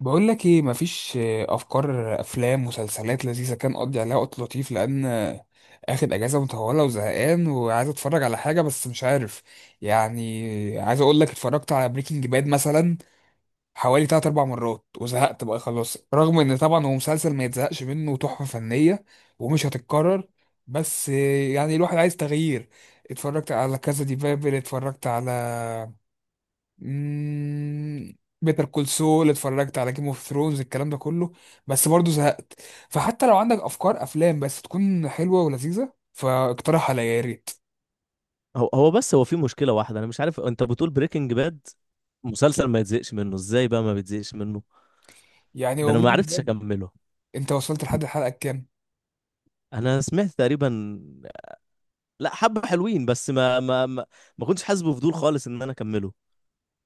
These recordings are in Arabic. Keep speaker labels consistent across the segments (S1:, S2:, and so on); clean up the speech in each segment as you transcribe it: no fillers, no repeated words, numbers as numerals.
S1: بقول لك ايه؟ مفيش افكار افلام مسلسلات لذيذه كان اقضي عليها وقت لطيف؟ لان اخد اجازه مطوله وزهقان وعايز اتفرج على حاجه بس مش عارف. يعني عايز اقول لك، اتفرجت على بريكنج باد مثلا حوالي 3 4 مرات وزهقت بقى خلاص، رغم ان طبعا هو مسلسل ما يتزهقش منه وتحفه فنيه ومش هتتكرر. بس يعني الواحد عايز تغيير. اتفرجت على كذا، دي بابل، اتفرجت على بيتر كول سول، اتفرجت على جيم اوف ثرونز، الكلام ده كله، بس برضه زهقت. فحتى لو عندك افكار افلام بس تكون حلوه ولذيذه، فاقترح عليا يا ريت.
S2: هو بس هو في مشكلة واحدة. أنا مش عارف، أنت بتقول بريكنج باد مسلسل ما يتزهقش منه؟ إزاي بقى ما بيتزهقش منه؟
S1: يعني
S2: ده
S1: هو
S2: أنا ما
S1: بريكنج
S2: عرفتش
S1: باد،
S2: أكمله.
S1: انت وصلت لحد الحلقه كام؟
S2: أنا سمعت تقريبا، لا، حبة حلوين بس ما كنتش حاسس بفضول خالص إن أنا أكمله.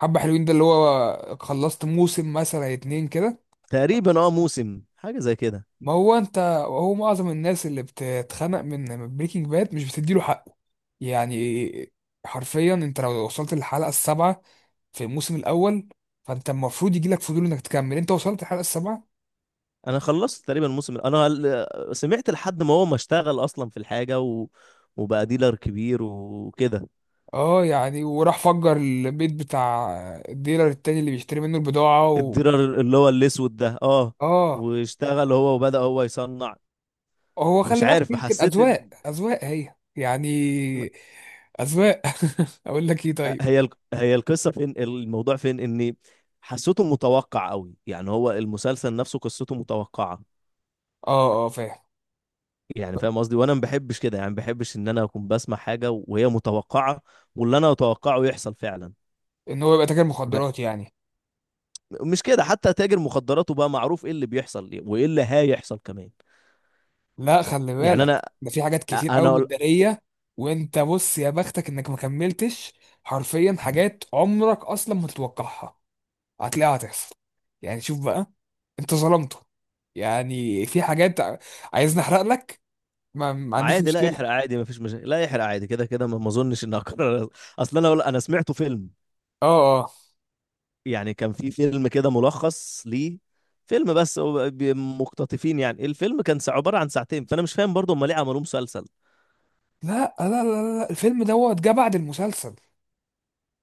S1: حبه حلوين ده اللي هو خلصت موسم مثلا اتنين كده؟
S2: تقريبا أه موسم حاجة زي كده.
S1: ما هو انت، هو معظم الناس اللي بتتخنق من بريكنج باد مش بتديله حقه. يعني حرفيا انت لو وصلت للحلقه السابعه في الموسم الاول، فانت المفروض يجي لك فضول انك تكمل. انت وصلت الحلقه السابعه؟
S2: أنا خلصت تقريبا الموسم، سمعت لحد ما هو ما اشتغل أصلا في الحاجة وبقى ديلر كبير وكده.
S1: اه، يعني وراح فجر البيت بتاع الديلر التاني اللي بيشتري منه البضاعه و...
S2: الديلر اللي هو الأسود ده، أه.
S1: اه،
S2: واشتغل هو وبدأ هو يصنع.
S1: هو
S2: مش
S1: خلي بالك،
S2: عارف،
S1: يمكن
S2: حسيت.
S1: اذواق هي يعني. اذواق. اقول لك ايه، طيب.
S2: هي القصه فين؟ الموضوع فين؟ ان حسيته متوقع قوي، يعني هو المسلسل نفسه قصته متوقعه.
S1: اه اه، فاهم.
S2: يعني فاهم قصدي، وانا ما بحبش كده، يعني ما بحبش ان انا اكون بسمع حاجه وهي متوقعه، واللي انا اتوقعه يحصل فعلا.
S1: ان هو يبقى تاجر
S2: ب-
S1: مخدرات يعني.
S2: مش كده، حتى تاجر مخدراته بقى معروف ايه اللي بيحصل وايه اللي هيحصل كمان.
S1: لا خلي
S2: يعني انا،
S1: بالك، ده في حاجات كتير قوي
S2: انا أقول-
S1: متداريه. وانت بص، يا بختك انك ما كملتش. حرفيا حاجات عمرك اصلا ما تتوقعها هتلاقيها هتحصل. يعني شوف بقى، انت ظلمته. يعني في حاجات. عايزني احرق لك؟ ما عنديش
S2: عادي، لا
S1: مشكلة.
S2: يحرق، عادي ما فيش مشاكل، لا يحرق عادي، كده كده ما اظنش ان اقرر. اصل انا انا سمعته فيلم،
S1: اه اه.
S2: يعني كان في فيلم كده ملخص ليه. فيلم، بس هو مقتطفين، يعني الفيلم كان عبارة عن ساعتين. فأنا مش فاهم برضه هم ليه عملوه مسلسل.
S1: لا، الفيلم دوت جه بعد المسلسل.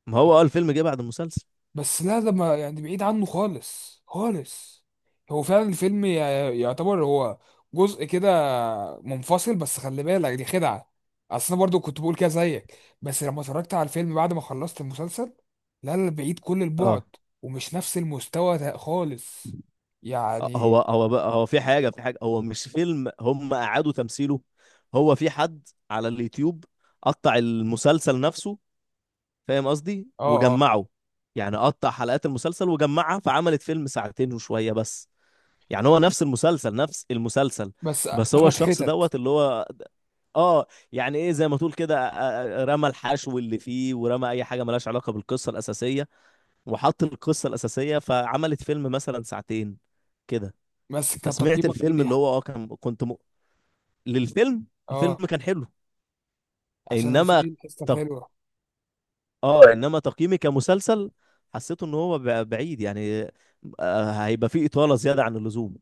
S2: ما هو اه الفيلم جه بعد المسلسل.
S1: بس لا، ده ما يعني بعيد عنه خالص خالص. هو فعلا الفيلم يعتبر هو جزء كده منفصل، بس خلي بالك دي خدعة. اصل انا برضو كنت بقول كده زيك، بس لما اتفرجت على الفيلم بعد ما خلصت المسلسل، لا لا، بعيد كل البعد.
S2: اه.
S1: ومش نفس المستوى ده خالص
S2: هو
S1: يعني.
S2: هو بقى، هو في حاجة، في حاجة، هو مش فيلم، هم أعادوا تمثيله. هو في حد على اليوتيوب قطع المسلسل نفسه، فاهم قصدي،
S1: اه اه.
S2: وجمعه. يعني قطع حلقات المسلسل وجمعها، فعملت فيلم ساعتين وشوية بس. يعني هو نفس المسلسل، نفس المسلسل.
S1: بس
S2: بس هو
S1: اخد
S2: الشخص
S1: حتت.
S2: دوت اللي هو، اه، يعني ايه، زي ما تقول كده، رمى الحشو اللي فيه، ورمى اي حاجه ملهاش علاقه بالقصه الاساسيه، وحط القصه الاساسيه، فعملت فيلم مثلا ساعتين كده.
S1: بس كان
S2: فسمعت
S1: تقييمك ايه
S2: الفيلم اللي
S1: ليها؟
S2: هو اه كان للفيلم. الفيلم
S1: اه،
S2: كان حلو.
S1: عشان أنا
S2: انما
S1: نسيت الحصة
S2: تق...
S1: الحلوة.
S2: اه انما تقييمي كمسلسل، حسيته ان هو بعيد يعني، هيبقى فيه اطاله زياده عن اللزوم.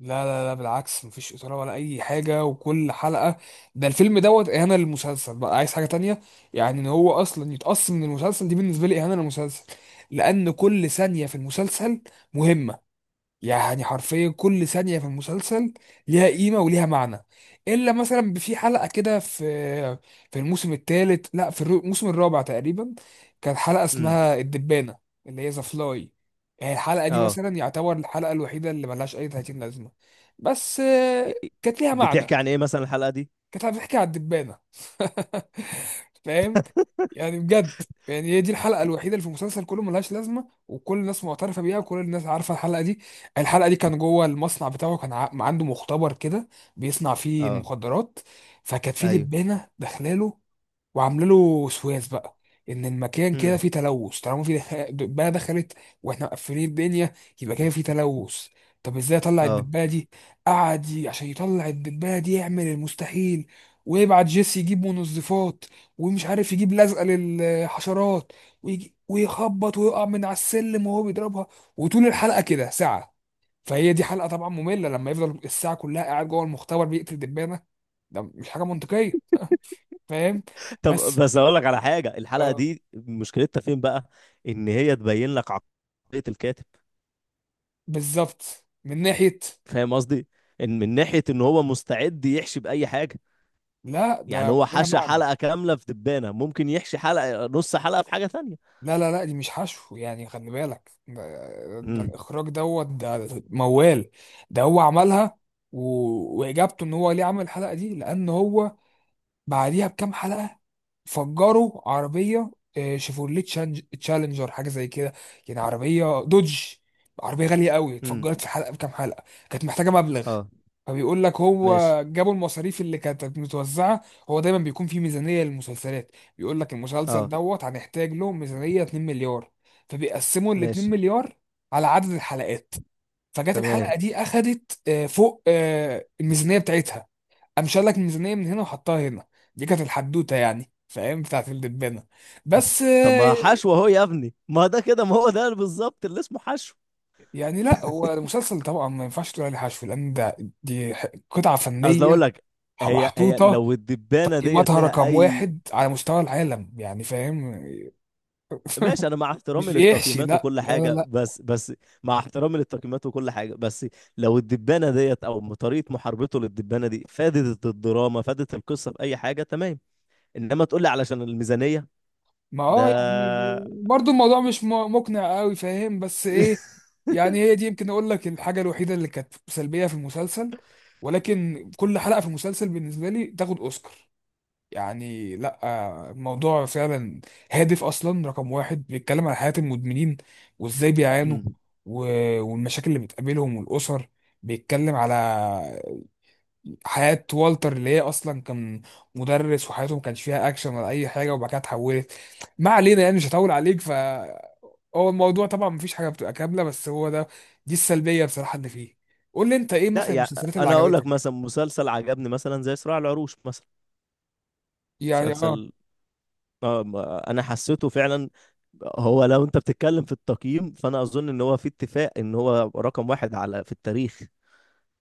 S1: لا لا لا، بالعكس، مفيش إثارة ولا أي حاجة، وكل حلقة، ده الفيلم دوت إهانة للمسلسل بقى، عايز حاجة تانية. يعني إن هو أصلا يتقص من المسلسل، دي بالنسبة لي إهانة للمسلسل، لأن كل ثانية في المسلسل مهمة. يعني حرفيا كل ثانية في المسلسل ليها قيمة وليها معنى. إلا مثلا في حلقة كده، في في الموسم الثالث، لا، في الموسم الرابع تقريبا، كانت حلقة
S2: امم،
S1: اسمها الدبانة، اللي هي ذا فلاي. يعني الحلقة دي
S2: اه.
S1: مثلا يعتبر الحلقة الوحيدة اللي ملهاش أي 30 لازمة. بس
S2: إ- إ-
S1: كانت ليها معنى.
S2: بتحكي عن ايه مثلا الحلقه دي؟
S1: كانت هتحكي على الدبانة. فاهم؟ يعني بجد، يعني هي دي الحلقة الوحيدة اللي في المسلسل كله ملهاش لازمة، وكل الناس معترفة بيها، وكل الناس عارفة الحلقة دي. الحلقة دي كان جوه المصنع بتاعه، كان عنده مختبر كده بيصنع فيه
S2: اه.
S1: المخدرات. فكانت في
S2: ايوه.
S1: دبانة داخلاله، وعامله له وسواس بقى ان المكان كده
S2: امم.
S1: فيه تلوث، طالما في دبانه دخلت واحنا مقفلين الدنيا، يبقى كده فيه تلوث. طب ازاي اطلع
S2: اه.
S1: الدبانه دي؟ قعد عشان يطلع الدبانه دي يعمل المستحيل، ويبعت جيسي يجيب منظفات، ومش عارف يجيب لزقه للحشرات، ويجي ويخبط ويقع من على السلم وهو بيضربها، وطول الحلقه كده ساعه. فهي دي حلقه طبعا ممله، لما يفضل الساعه كلها قاعد جوه المختبر بيقتل دبانه، ده مش حاجه منطقيه، فاهم؟
S2: طب
S1: بس
S2: بس اقول لك على حاجه، الحلقه
S1: اه،
S2: دي مشكلتها فين بقى؟ ان هي تبين لك عقليه الكاتب،
S1: بالظبط من ناحية.
S2: فاهم قصدي، ان من ناحيه ان هو مستعد يحشي باي حاجه.
S1: لا
S2: يعني
S1: ده
S2: هو
S1: ليها
S2: حشى
S1: معنى.
S2: حلقه كامله في دبانه، ممكن يحشي حلقه، نص حلقه، في حاجه تانية.
S1: لا لا لا، دي مش حشو، يعني خلي بالك، ده
S2: امم.
S1: الإخراج دوت، ده موال. ده هو عملها. و... وإجابته إن هو ليه عمل الحلقة دي، لأن هو بعديها بكام حلقة فجروا عربية، شيفورليه تشالنجر، حاجة زي كده، يعني عربية دوج، عربية غالية قوي،
S2: امم.
S1: اتفجرت في حلقة بكام حلقة، كانت محتاجة مبلغ.
S2: اه.
S1: فبيقول لك هو
S2: ماشي.
S1: جابوا المصاريف اللي كانت متوزعة، هو دايما بيكون في ميزانية للمسلسلات، بيقول لك المسلسل
S2: اه.
S1: دوت هنحتاج له ميزانية 2 مليار، فبيقسموا ال 2
S2: ماشي.
S1: مليار على عدد الحلقات. فجت الحلقة
S2: تمام.
S1: دي أخدت فوق الميزانية بتاعتها، قام شال لك ميزانيه من هنا وحطها هنا. دي كانت الحدوته يعني، فاهم، بتاعت الدبانه. بس
S2: طب ما حشو اهو يا ابني، ما ده كده، ما هو ده بالظبط اللي اسمه حشو.
S1: يعني لا، هو المسلسل طبعا ما ينفعش تقول عليه حشو، لان ده دي قطعه
S2: اصل
S1: فنيه
S2: اقول لك، هي
S1: محطوطه
S2: لو الدبانه ديت
S1: قيمتها
S2: لها
S1: رقم
S2: اي.
S1: واحد على مستوى العالم، يعني فاهم.
S2: ماشي، انا مع
S1: مش
S2: احترامي
S1: بيحشي،
S2: للتقييمات
S1: لا
S2: وكل
S1: لا لا
S2: حاجه
S1: لا.
S2: بس. مع احترامي للتقييمات وكل حاجه بس، لو الدبانه ديت، او طريقه محاربته للدبانه دي، فادت الدراما، فادت القصه في اي حاجه، تمام. انما تقول لي علشان الميزانيه
S1: ما
S2: ده.
S1: اه، يعني برضو الموضوع مش مقنع قوي، فاهم، بس ايه، يعني هي دي يمكن اقول لك الحاجه الوحيده اللي كانت سلبيه في المسلسل. ولكن كل حلقه في المسلسل بالنسبه لي تاخد اوسكار. يعني لا، الموضوع فعلا هادف اصلا، رقم واحد بيتكلم عن حياة المدمنين وازاي بيعانوا،
S2: مم.
S1: والمشاكل اللي بتقابلهم والاسر. بيتكلم على حياة والتر، اللي هي اصلا كان مدرس، وحياته ما كانش فيها اكشن ولا اي حاجة، وبعد كده اتحولت. ما علينا يعني، مش هطول عليك. ف هو الموضوع طبعا مفيش حاجة بتبقى كاملة، بس هو ده، دي السلبية بصراحة اللي فيه. قول لي انت، ايه
S2: لا
S1: مثلا
S2: يعني،
S1: المسلسلات اللي
S2: انا اقول لك
S1: عجبتك؟
S2: مثلا مسلسل عجبني مثلا زي صراع العروش مثلا.
S1: يعني اه.
S2: مسلسل، انا حسيته فعلا، هو لو انت بتتكلم في التقييم فانا اظن ان هو في اتفاق ان هو رقم واحد على، في التاريخ،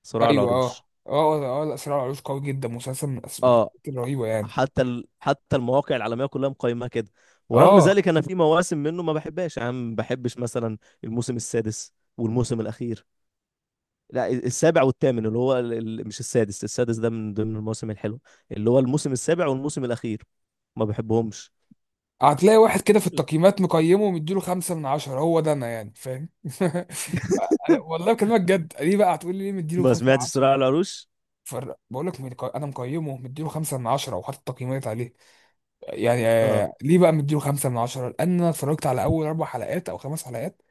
S2: صراع
S1: ايوه اه
S2: العروش.
S1: اه اه، لا صراع العروش قوي جدا، مسلسل من المسلسلات
S2: اه.
S1: الرهيبه يعني.
S2: حتى المواقع العالميه كلها مقيمه كده. ورغم
S1: اه،
S2: ذلك انا في مواسم منه ما بحبهاش، يعني ما بحبش مثلا الموسم السادس والموسم الاخير. لا، السابع والثامن، اللي هو مش السادس، السادس ده من ضمن المواسم الحلوه، اللي هو الموسم السابع والموسم الاخير، ما بحبهمش.
S1: هتلاقي واحد كده في التقييمات مقيمه ومديله خمسة من عشرة، هو ده انا يعني فاهم. أنا والله بكلمك جد، ليه بقى هتقول لي ليه مديله
S2: ما
S1: خمسة من
S2: سمعتش
S1: عشرة؟
S2: صراع العروش.
S1: بقول لك انا مقيمه مديله خمسة من عشرة وحاطط تقييمات عليه. يعني
S2: اه،
S1: ليه بقى مديله خمسة من عشرة؟ لان انا اتفرجت على اول اربع حلقات او خمس حلقات،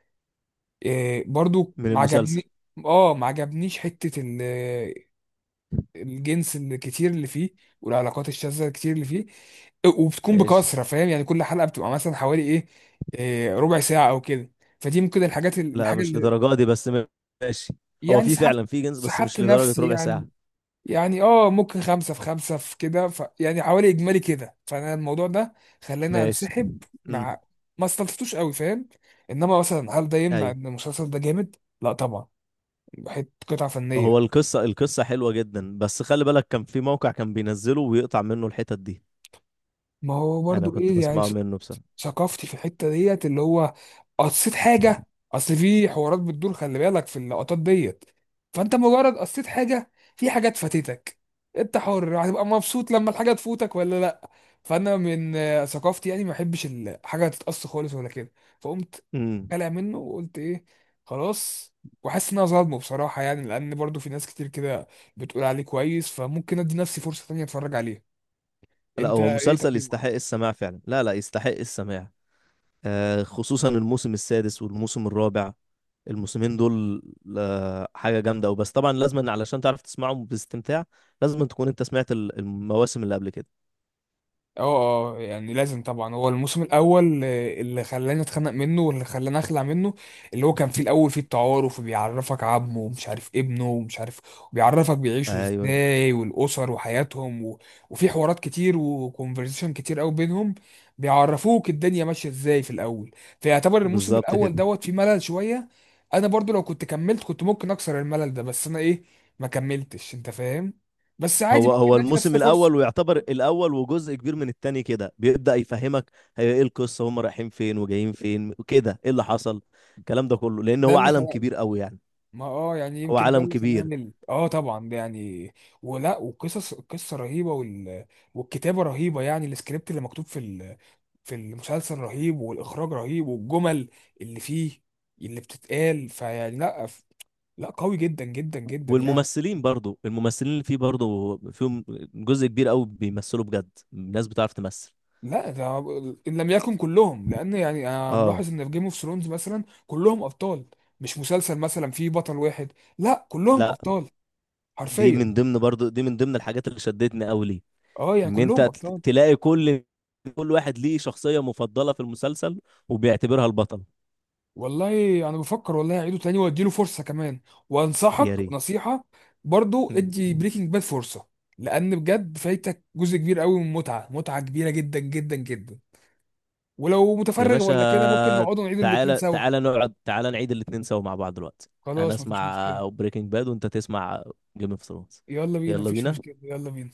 S1: برضو
S2: من
S1: ما
S2: المسلسل.
S1: عجبني. اه، ما عجبنيش حته الجنس الكتير اللي فيه والعلاقات الشاذة الكتير اللي فيه، وبتكون
S2: ماشي.
S1: بكثرة، فاهم؟ يعني كل حلقة بتبقى مثلا حوالي ايه، ربع ساعة او كده. فدي ممكن الحاجات
S2: لا
S1: الحاجة
S2: مش
S1: اللي
S2: لدرجه دي بس ماشي. هو
S1: يعني
S2: في
S1: سحبت،
S2: فعلا في جنس بس
S1: سحبت
S2: مش لدرجه
S1: نفسي
S2: ربع ساعه.
S1: يعني. يعني اه، ممكن خمسة في خمسة في كده، ف يعني حوالي اجمالي كده، فانا الموضوع ده خلاني
S2: ماشي.
S1: انسحب
S2: امم.
S1: مع، ما استلطفتوش قوي فاهم. انما مثلا هل ده يمنع
S2: ايوه.
S1: ان المسلسل ده جامد؟ لا طبعا، حته قطعة فنية.
S2: هو القصة، القصة حلوة جدا، بس خلي بالك كان في موقع كان بينزله ويقطع منه الحتت دي.
S1: ما هو
S2: انا
S1: برضو
S2: كنت
S1: ايه يعني،
S2: بسمعه منه بصراحة.
S1: ثقافتي في الحته ديت، اللي هو قصيت حاجه، اصل في حوارات بتدور، خلي بالك في اللقطات ديت، فانت مجرد قصيت حاجه في حاجات فاتتك. انت حر، هتبقى مبسوط لما الحاجه تفوتك ولا لا؟ فانا من ثقافتي يعني ما احبش الحاجه تتقص خالص ولا كده، فقمت
S2: امم.
S1: قلع منه وقلت ايه، خلاص. وحاسس ان انا ظالمه بصراحه، يعني لان برضو في ناس كتير كده بتقول عليه كويس، فممكن ادي نفسي فرصه تانية اتفرج عليه.
S2: لا
S1: انت
S2: هو
S1: ايه
S2: مسلسل يستحق
S1: تقييمك؟
S2: السماع فعلا، لا لا يستحق السماع. آه، خصوصا الموسم السادس والموسم الرابع، الموسمين دول، آه حاجة جامدة. وبس طبعا، لازم علشان تعرف تسمعهم باستمتاع، لازم تكون انت سمعت المواسم اللي قبل كده.
S1: اه اه، يعني لازم طبعا، هو الموسم الاول اللي خلاني اتخنق منه واللي خلاني اخلع منه، اللي هو كان فيه الاول فيه التعارف، وبيعرفك عمه ومش عارف ابنه ومش عارف، وبيعرفك بيعيشوا
S2: ايوه،
S1: ازاي والاسر وحياتهم و... وفي حوارات كتير وكونفرزيشن كتير قوي بينهم، بيعرفوك الدنيا ماشيه ازاي في الاول. فيعتبر الموسم
S2: بالظبط
S1: الاول
S2: كده.
S1: دوت فيه ملل شويه. انا برضو لو كنت كملت كنت ممكن اكسر الملل ده، بس انا ايه، ما كملتش، انت فاهم. بس عادي،
S2: هو
S1: ممكن
S2: هو
S1: ندي
S2: الموسم
S1: نفسنا فرصه.
S2: الاول ويعتبر الاول وجزء كبير من التاني كده بيبدأ يفهمك هي ايه القصة، هم رايحين فين وجايين فين وكده، ايه اللي حصل، الكلام ده كله، لان
S1: ده
S2: هو
S1: اللي
S2: عالم كبير قوي يعني.
S1: ما اه يعني
S2: هو
S1: يمكن ده
S2: عالم
S1: اللي
S2: كبير.
S1: خلاني مل، اه طبعا ده يعني. ولا وقصص القصه رهيبه، وال... والكتابه رهيبه، يعني السكريبت اللي مكتوب في ال... في المسلسل رهيب، والاخراج رهيب، والجمل اللي فيه اللي بتتقال، فيعني لا ف... لا قوي جدا جدا جدا يعني.
S2: والممثلين برضو، الممثلين اللي فيه برضو، فيهم جزء كبير قوي بيمثلوا بجد، ناس بتعرف تمثل.
S1: لا ده، ان لم يكن كلهم، لان يعني انا
S2: اه.
S1: ملاحظ ان في جيم اوف ثرونز مثلا كلهم ابطال، مش مسلسل مثلا فيه بطل واحد، لا كلهم
S2: لا،
S1: ابطال
S2: دي
S1: حرفيا.
S2: من ضمن برضو، دي من ضمن الحاجات اللي شدتني قوي ليه،
S1: اه يعني
S2: ان انت
S1: كلهم ابطال.
S2: تلاقي كل، كل واحد ليه شخصية مفضلة في المسلسل، وبيعتبرها البطل.
S1: والله انا بفكر والله اعيده تاني واديله فرصه كمان.
S2: يا
S1: وانصحك نصيحه، برضو ادي
S2: ريت.
S1: بريكنج باد فرصه، لان بجد فايتك جزء كبير قوي من متعه، متعه كبيره جدا جدا جدا. ولو
S2: يا
S1: متفرغ
S2: باشا،
S1: ولا كده، ممكن نقعد نعيد الاتنين
S2: تعالى
S1: سوا.
S2: تعالى نقعد، تعالى نعيد الاتنين سوا مع بعض دلوقتي. انا
S1: خلاص مفيش
S2: اسمع
S1: مشكله.
S2: بريكنج باد وانت تسمع جيم اوف ثرونز.
S1: يلا بينا،
S2: يلا
S1: مفيش مشكله،
S2: بينا.
S1: يلا بينا.